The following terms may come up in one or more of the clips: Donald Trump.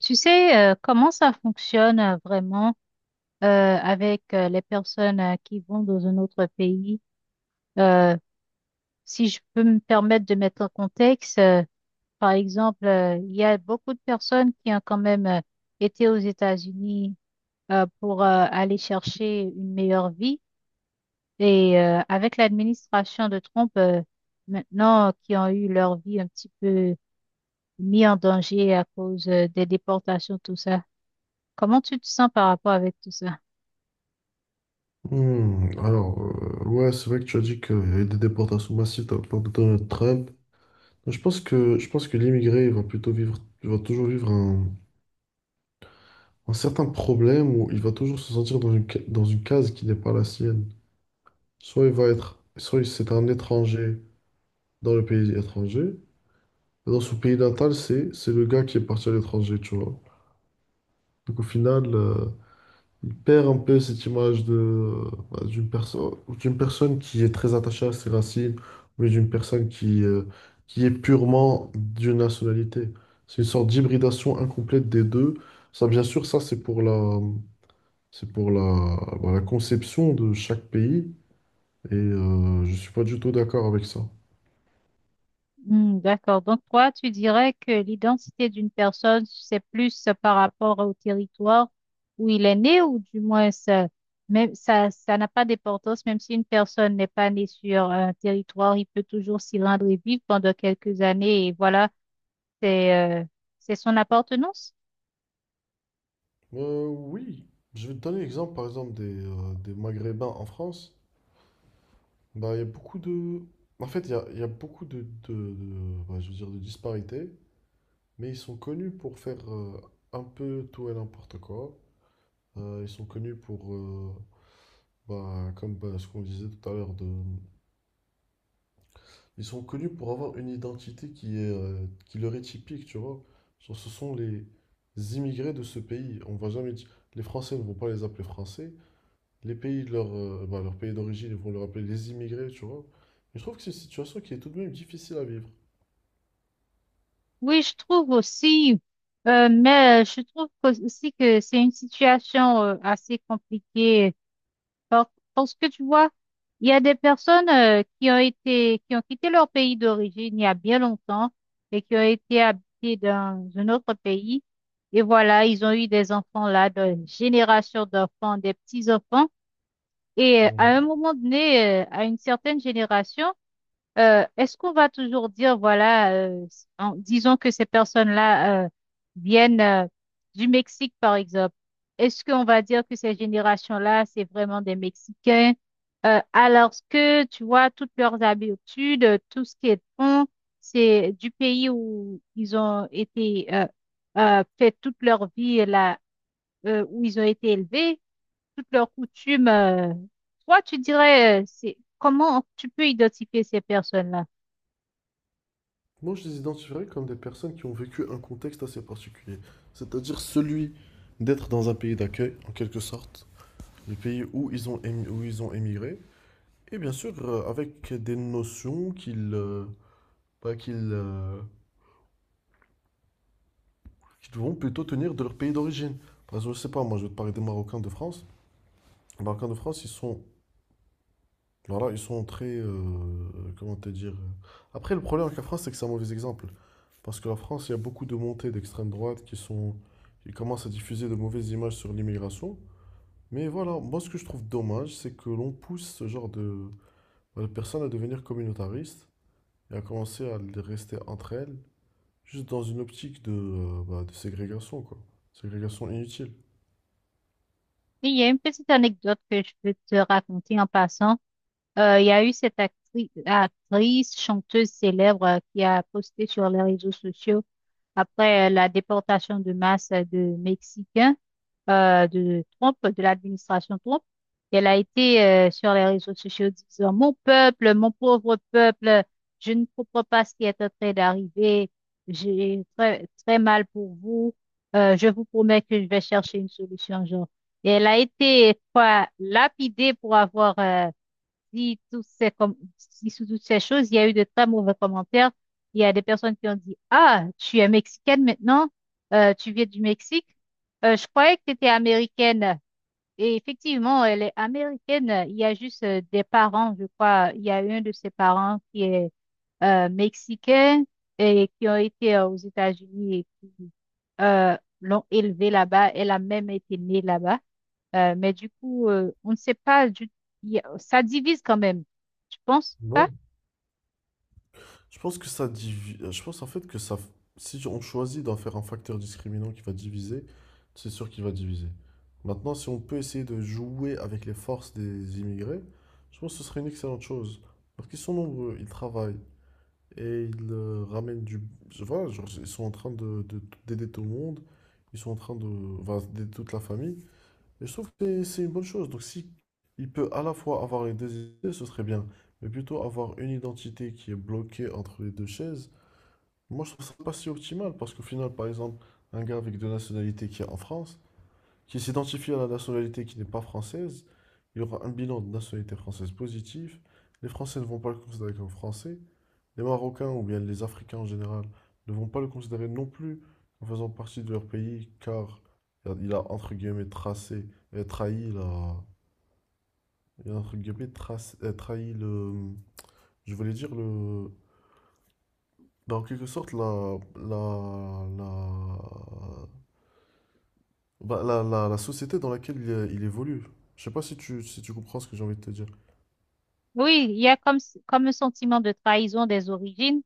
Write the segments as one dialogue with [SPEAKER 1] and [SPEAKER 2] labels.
[SPEAKER 1] Tu sais, comment ça fonctionne vraiment avec les personnes qui vont dans un autre pays? Euh, Si je peux me permettre de mettre en contexte, par exemple, il y a beaucoup de personnes qui ont quand même été aux États-Unis pour aller chercher une meilleure vie. Et avec l'administration de Trump, maintenant, qui ont eu leur vie un petit peu mis en danger à cause des déportations, tout ça. Comment tu te sens par rapport avec tout ça?
[SPEAKER 2] Hmm, alors, ouais, c'est vrai que tu as dit qu'il y a eu des déportations massives de la part de Donald Trump. Je pense que l'immigré, il va toujours vivre un certain problème où il va toujours se sentir dans dans une case qui n'est pas la sienne. Soit il va être, soit il- C'est un étranger dans le pays étranger, et dans son pays natal, c'est le gars qui est parti à l'étranger, tu vois. Donc au final, il perd un peu cette image de bah, d'une personne d'une personne qui est très attachée à ses racines, mais d'une personne qui est purement d'une nationalité. C'est une sorte d'hybridation incomplète des deux. Ça, bien sûr, ça c'est pour la conception de chaque pays, et je ne suis pas du tout d'accord avec ça.
[SPEAKER 1] Hmm, d'accord. Donc, toi, tu dirais que l'identité d'une personne, c'est plus par rapport au territoire où il est né, ou du moins, ça, même, ça n'a pas d'importance, même si une personne n'est pas née sur un territoire, il peut toujours s'y rendre et vivre pendant quelques années, et voilà, c'est, euh, c'est son appartenance.
[SPEAKER 2] Oui, je vais te donner l'exemple par exemple des Maghrébins en France. Bah, il y a beaucoup de... En fait, il y a beaucoup bah, je veux dire, de disparités, mais ils sont connus pour faire un peu tout et n'importe quoi. Ils sont connus pour, ce qu'on disait tout à l'heure, de... ils sont connus pour avoir une identité qui est, qui leur est typique, tu vois. Genre, ce sont les immigrés de ce pays. On va jamais dire... Les Français ne vont pas les appeler Français. Les pays, de leur pays d'origine, ils vont leur appeler les immigrés, tu vois. Et je trouve que c'est une situation qui est tout de même difficile à vivre.
[SPEAKER 1] Oui, je trouve aussi, mais aussi que c'est une situation assez compliquée parce que tu vois, il y a des personnes qui ont été, qui ont quitté leur pays d'origine il y a bien longtemps et qui ont été habitées dans un autre pays. Et voilà, ils ont eu des enfants là, des générations d'enfants, des petits-enfants. Et à
[SPEAKER 2] Mhm.
[SPEAKER 1] un moment donné, à une certaine génération, est-ce qu'on va toujours dire, voilà, disons que ces personnes-là viennent du Mexique, par exemple. Est-ce qu'on va dire que ces générations-là, c'est vraiment des Mexicains, alors que, tu vois, toutes leurs habitudes, tout ce qu'elles font, c'est du pays où ils ont été, fait toute leur vie, là, où ils ont été élevés, toutes leurs coutumes. Toi, tu dirais, c'est comment tu peux identifier ces personnes-là?
[SPEAKER 2] Moi, je les identifierais comme des personnes qui ont vécu un contexte assez particulier, c'est-à-dire celui d'être dans un pays d'accueil, en quelque sorte, le pays où où ils ont émigré, et bien sûr avec des notions qu'ils bah, qu'ils qu'ils vont plutôt tenir de leur pays d'origine. Par exemple, je sais pas, moi, je vais te parler des Marocains de France. Les Marocains de France, ils sont Alors là, ils sont très. Comment te dire? Après, le problème avec la France, c'est que c'est un mauvais exemple. Parce que la France, il y a beaucoup de montées d'extrême droite qui commencent à diffuser de mauvaises images sur l'immigration. Mais voilà, moi, ce que je trouve dommage, c'est que l'on pousse ce genre de personnes à devenir communautaristes et à commencer à les rester entre elles, juste dans une optique de ségrégation, quoi. Ségrégation inutile.
[SPEAKER 1] Oui, il y a une petite anecdote que je peux te raconter en passant. Il y a eu cette actrice, chanteuse célèbre qui a posté sur les réseaux sociaux après la déportation de masse de Mexicains de Trump, de l'administration Trump. Elle a été sur les réseaux sociaux disant, «Mon peuple, mon pauvre peuple, je ne comprends pas ce qui est en train d'arriver. J'ai très, très mal pour vous. Je vous promets que je vais chercher une solution», genre. Et elle a été quoi, lapidée pour avoir dit toutes dit sous toutes ces choses, il y a eu de très mauvais commentaires. Il y a des personnes qui ont dit, «Ah, tu es mexicaine maintenant, tu viens du Mexique. Je croyais que tu étais américaine.» Et effectivement, elle est américaine. Il y a juste des parents, je crois. Il y a un de ses parents qui est mexicain et qui ont été aux États-Unis et qui euh, l'ont élevée là-bas. Elle a même été née là-bas. Mais du coup, on ne sait pas du ça divise quand même. Tu penses pas?
[SPEAKER 2] Voilà. Je pense en fait que ça. Si on choisit d'en faire un facteur discriminant qui va diviser, c'est sûr qu'il va diviser. Maintenant, si on peut essayer de jouer avec les forces des immigrés, je pense que ce serait une excellente chose. Parce qu'ils sont nombreux, ils travaillent et ils ramènent du. Voilà, genre, ils sont en train d'aider tout le monde, ils sont en train de. Enfin, d'aider toute la famille. Et je trouve que c'est une bonne chose. Donc si il peut à la fois avoir les deux idées, ce serait bien. Mais plutôt avoir une identité qui est bloquée entre les deux chaises, moi je trouve ça pas si optimal parce qu'au final, par exemple, un gars avec deux nationalités qui est en France, qui s'identifie à la nationalité qui n'est pas française, il aura un bilan de nationalité française positif. Les Français ne vont pas le considérer comme français. Les Marocains, ou bien les Africains en général, ne vont pas le considérer non plus en faisant partie de leur pays, car il a entre guillemets tracé, trahi la, il a, entre guillemets trace- trahi le, je voulais dire le, bah, en quelque sorte la, la, la, bah, la- la société dans laquelle il évolue. Je sais pas si tu comprends ce que j'ai envie de te dire.
[SPEAKER 1] Oui, il y a comme, comme un sentiment de trahison des origines,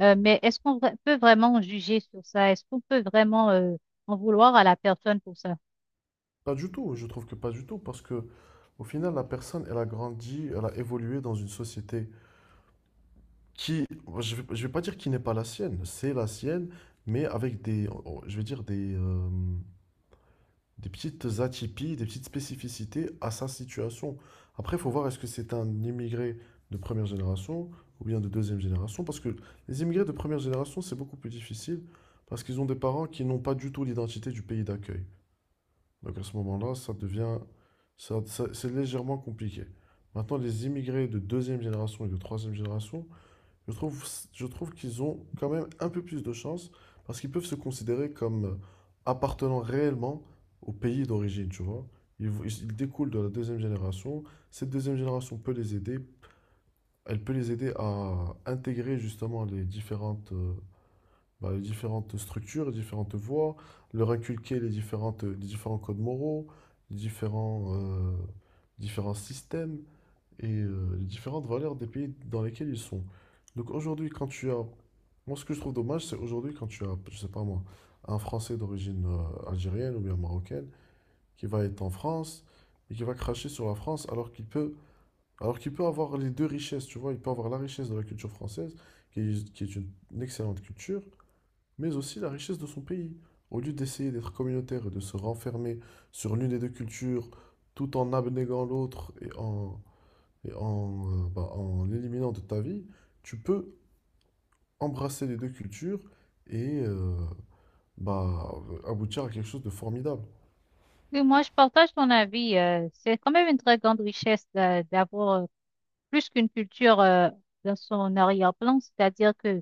[SPEAKER 1] mais peut vraiment juger sur ça? Est-ce qu'on peut vraiment en vouloir à la personne pour ça?
[SPEAKER 2] Pas du tout, je trouve que pas du tout, parce que au final la personne, elle a grandi, elle a évolué dans une société. Qui, je vais pas dire qui n'est pas la sienne, c'est la sienne, mais avec des, oh, je vais dire des petites atypies, des petites spécificités à sa situation. Après, il faut voir est-ce que c'est un immigré de première génération ou bien de deuxième génération, parce que les immigrés de première génération, c'est beaucoup plus difficile, parce qu'ils ont des parents qui n'ont pas du tout l'identité du pays d'accueil. Donc à ce moment-là, ça devient, ça- ça- c'est légèrement compliqué. Maintenant, les immigrés de deuxième génération et de troisième génération, je trouve, je trouve qu'ils ont quand même un peu plus de chance parce qu'ils peuvent se considérer comme appartenant réellement au pays d'origine, tu vois. Ils, ils découlent de la deuxième génération. Cette deuxième génération peut les aider. Elle peut les aider à intégrer justement les différentes, les différentes structures, les différentes voies, leur inculquer les différents codes moraux, les différents, euh, différents systèmes et les différentes valeurs des pays dans lesquels ils sont. Donc aujourd'hui, quand tu as... Moi, ce que je trouve dommage, c'est aujourd'hui quand tu as, je sais pas moi, un Français d'origine algérienne ou bien marocaine qui va être en France et qui va cracher sur la France alors qu'il peut avoir les deux richesses, tu vois. Il peut avoir la richesse de la culture française, qui est une excellente culture, mais aussi la richesse de son pays. Au lieu d'essayer d'être communautaire et de se renfermer sur l'une des deux cultures tout en abnégant l'autre et en l'éliminant de ta vie, tu peux embrasser les deux cultures et bah, aboutir à quelque chose de formidable.
[SPEAKER 1] Oui, moi, je partage ton avis. C'est quand même une très grande richesse d'avoir plus qu'une culture dans son arrière-plan, c'est-à-dire que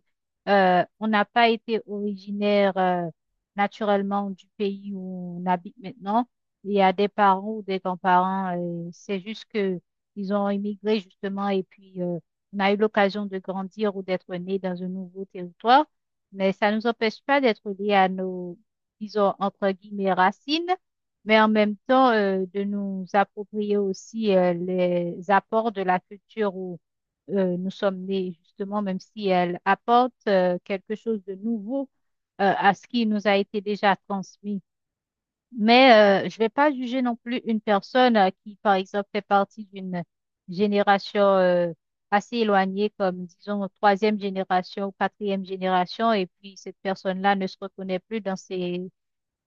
[SPEAKER 1] on n'a pas été originaire naturellement du pays où on habite maintenant. Il y a des parents ou des grands-parents, c'est juste que ils ont immigré justement et puis on a eu l'occasion de grandir ou d'être né dans un nouveau territoire, mais ça ne nous empêche pas d'être liés à nos, disons, entre guillemets, racines mais en même temps de nous approprier aussi les apports de la culture où nous sommes nés, justement, même si elle apporte quelque chose de nouveau à ce qui nous a été déjà transmis. Mais je ne vais pas juger non plus une personne qui, par exemple, fait partie d'une génération assez éloignée, comme disons troisième génération ou quatrième génération, et puis cette personne-là ne se reconnaît plus dans ses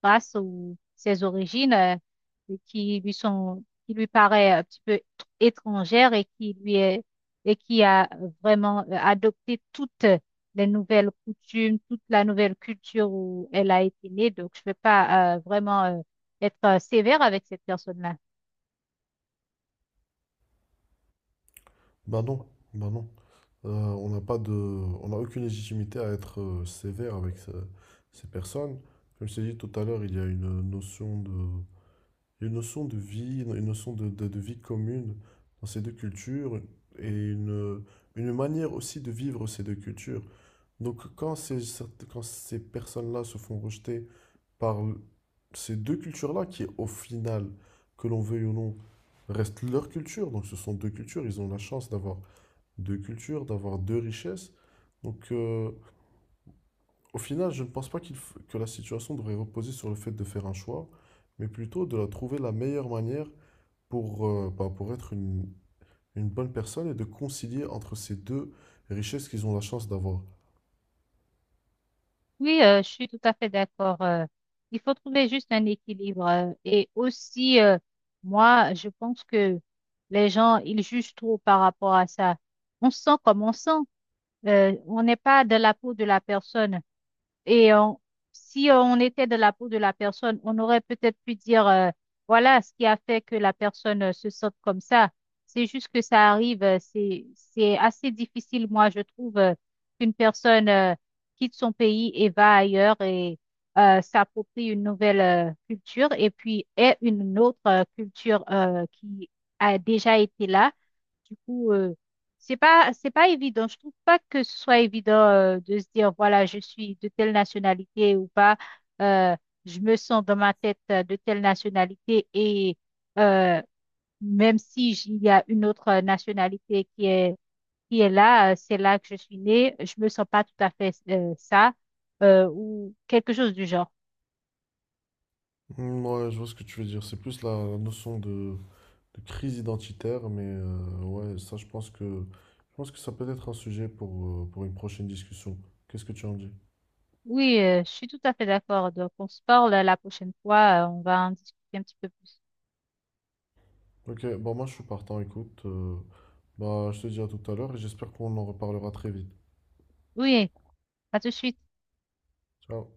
[SPEAKER 1] grâce ou ses origines qui lui sont, qui lui paraît un petit peu étrangère et qui lui est, et qui a vraiment adopté toutes les nouvelles coutumes, toute la nouvelle culture où elle a été née. Donc, je ne vais pas vraiment être sévère avec cette personne-là.
[SPEAKER 2] Bah non, bah non. On n'a pas de, on n'a aucune légitimité à être sévère avec ces personnes. Comme je t'ai dit tout à l'heure, il y a une notion de vie, une notion de vie commune dans ces deux cultures et une manière aussi de vivre ces deux cultures. Donc quand ces personnes-là se font rejeter par ces deux cultures-là, qui au final, que l'on veuille ou non, restent leur culture, donc ce sont deux cultures, ils ont la chance d'avoir deux cultures, d'avoir deux richesses. Donc au final, je ne pense pas que la situation devrait reposer sur le fait de faire un choix, mais plutôt de la trouver la meilleure manière pour, pour être une bonne personne et de concilier entre ces deux richesses qu'ils ont la chance d'avoir.
[SPEAKER 1] Oui, je suis tout à fait d'accord. Il faut trouver juste un équilibre. Et aussi, moi, je pense que les gens, ils jugent trop par rapport à ça. On sent comme on sent. On n'est pas de la peau de la personne. Et on- Si on était de la peau de la personne, on aurait peut-être pu dire, voilà ce qui a fait que la personne se sente comme ça. C'est juste que ça arrive. C'est assez difficile, moi, je trouve, qu'une personne, quitte son pays et va ailleurs et s'approprie une nouvelle culture et puis ait une autre culture qui a déjà été là du coup, c'est pas évident. Je trouve pas que ce soit évident de se dire, voilà, je suis de telle nationalité ou pas. Euh, je me sens dans ma tête de telle nationalité et euh, même si il y a une autre nationalité qui est là, c'est là que je suis née, je me sens pas tout à fait ça ou quelque chose du genre.
[SPEAKER 2] Hmm, ouais, je vois ce que tu veux dire. C'est plus la notion de crise identitaire, mais ouais, ça, je pense que ça peut être un sujet pour une prochaine discussion. Qu'est-ce que tu en dis?
[SPEAKER 1] Oui, je suis tout à fait d'accord. Donc, on se parle la prochaine fois. On va en discuter un petit peu plus.
[SPEAKER 2] Ok, bah moi je suis partant, écoute. Bah je te dis à tout à l'heure et j'espère qu'on en reparlera très vite.
[SPEAKER 1] Oui, à tout de suite.
[SPEAKER 2] Ciao.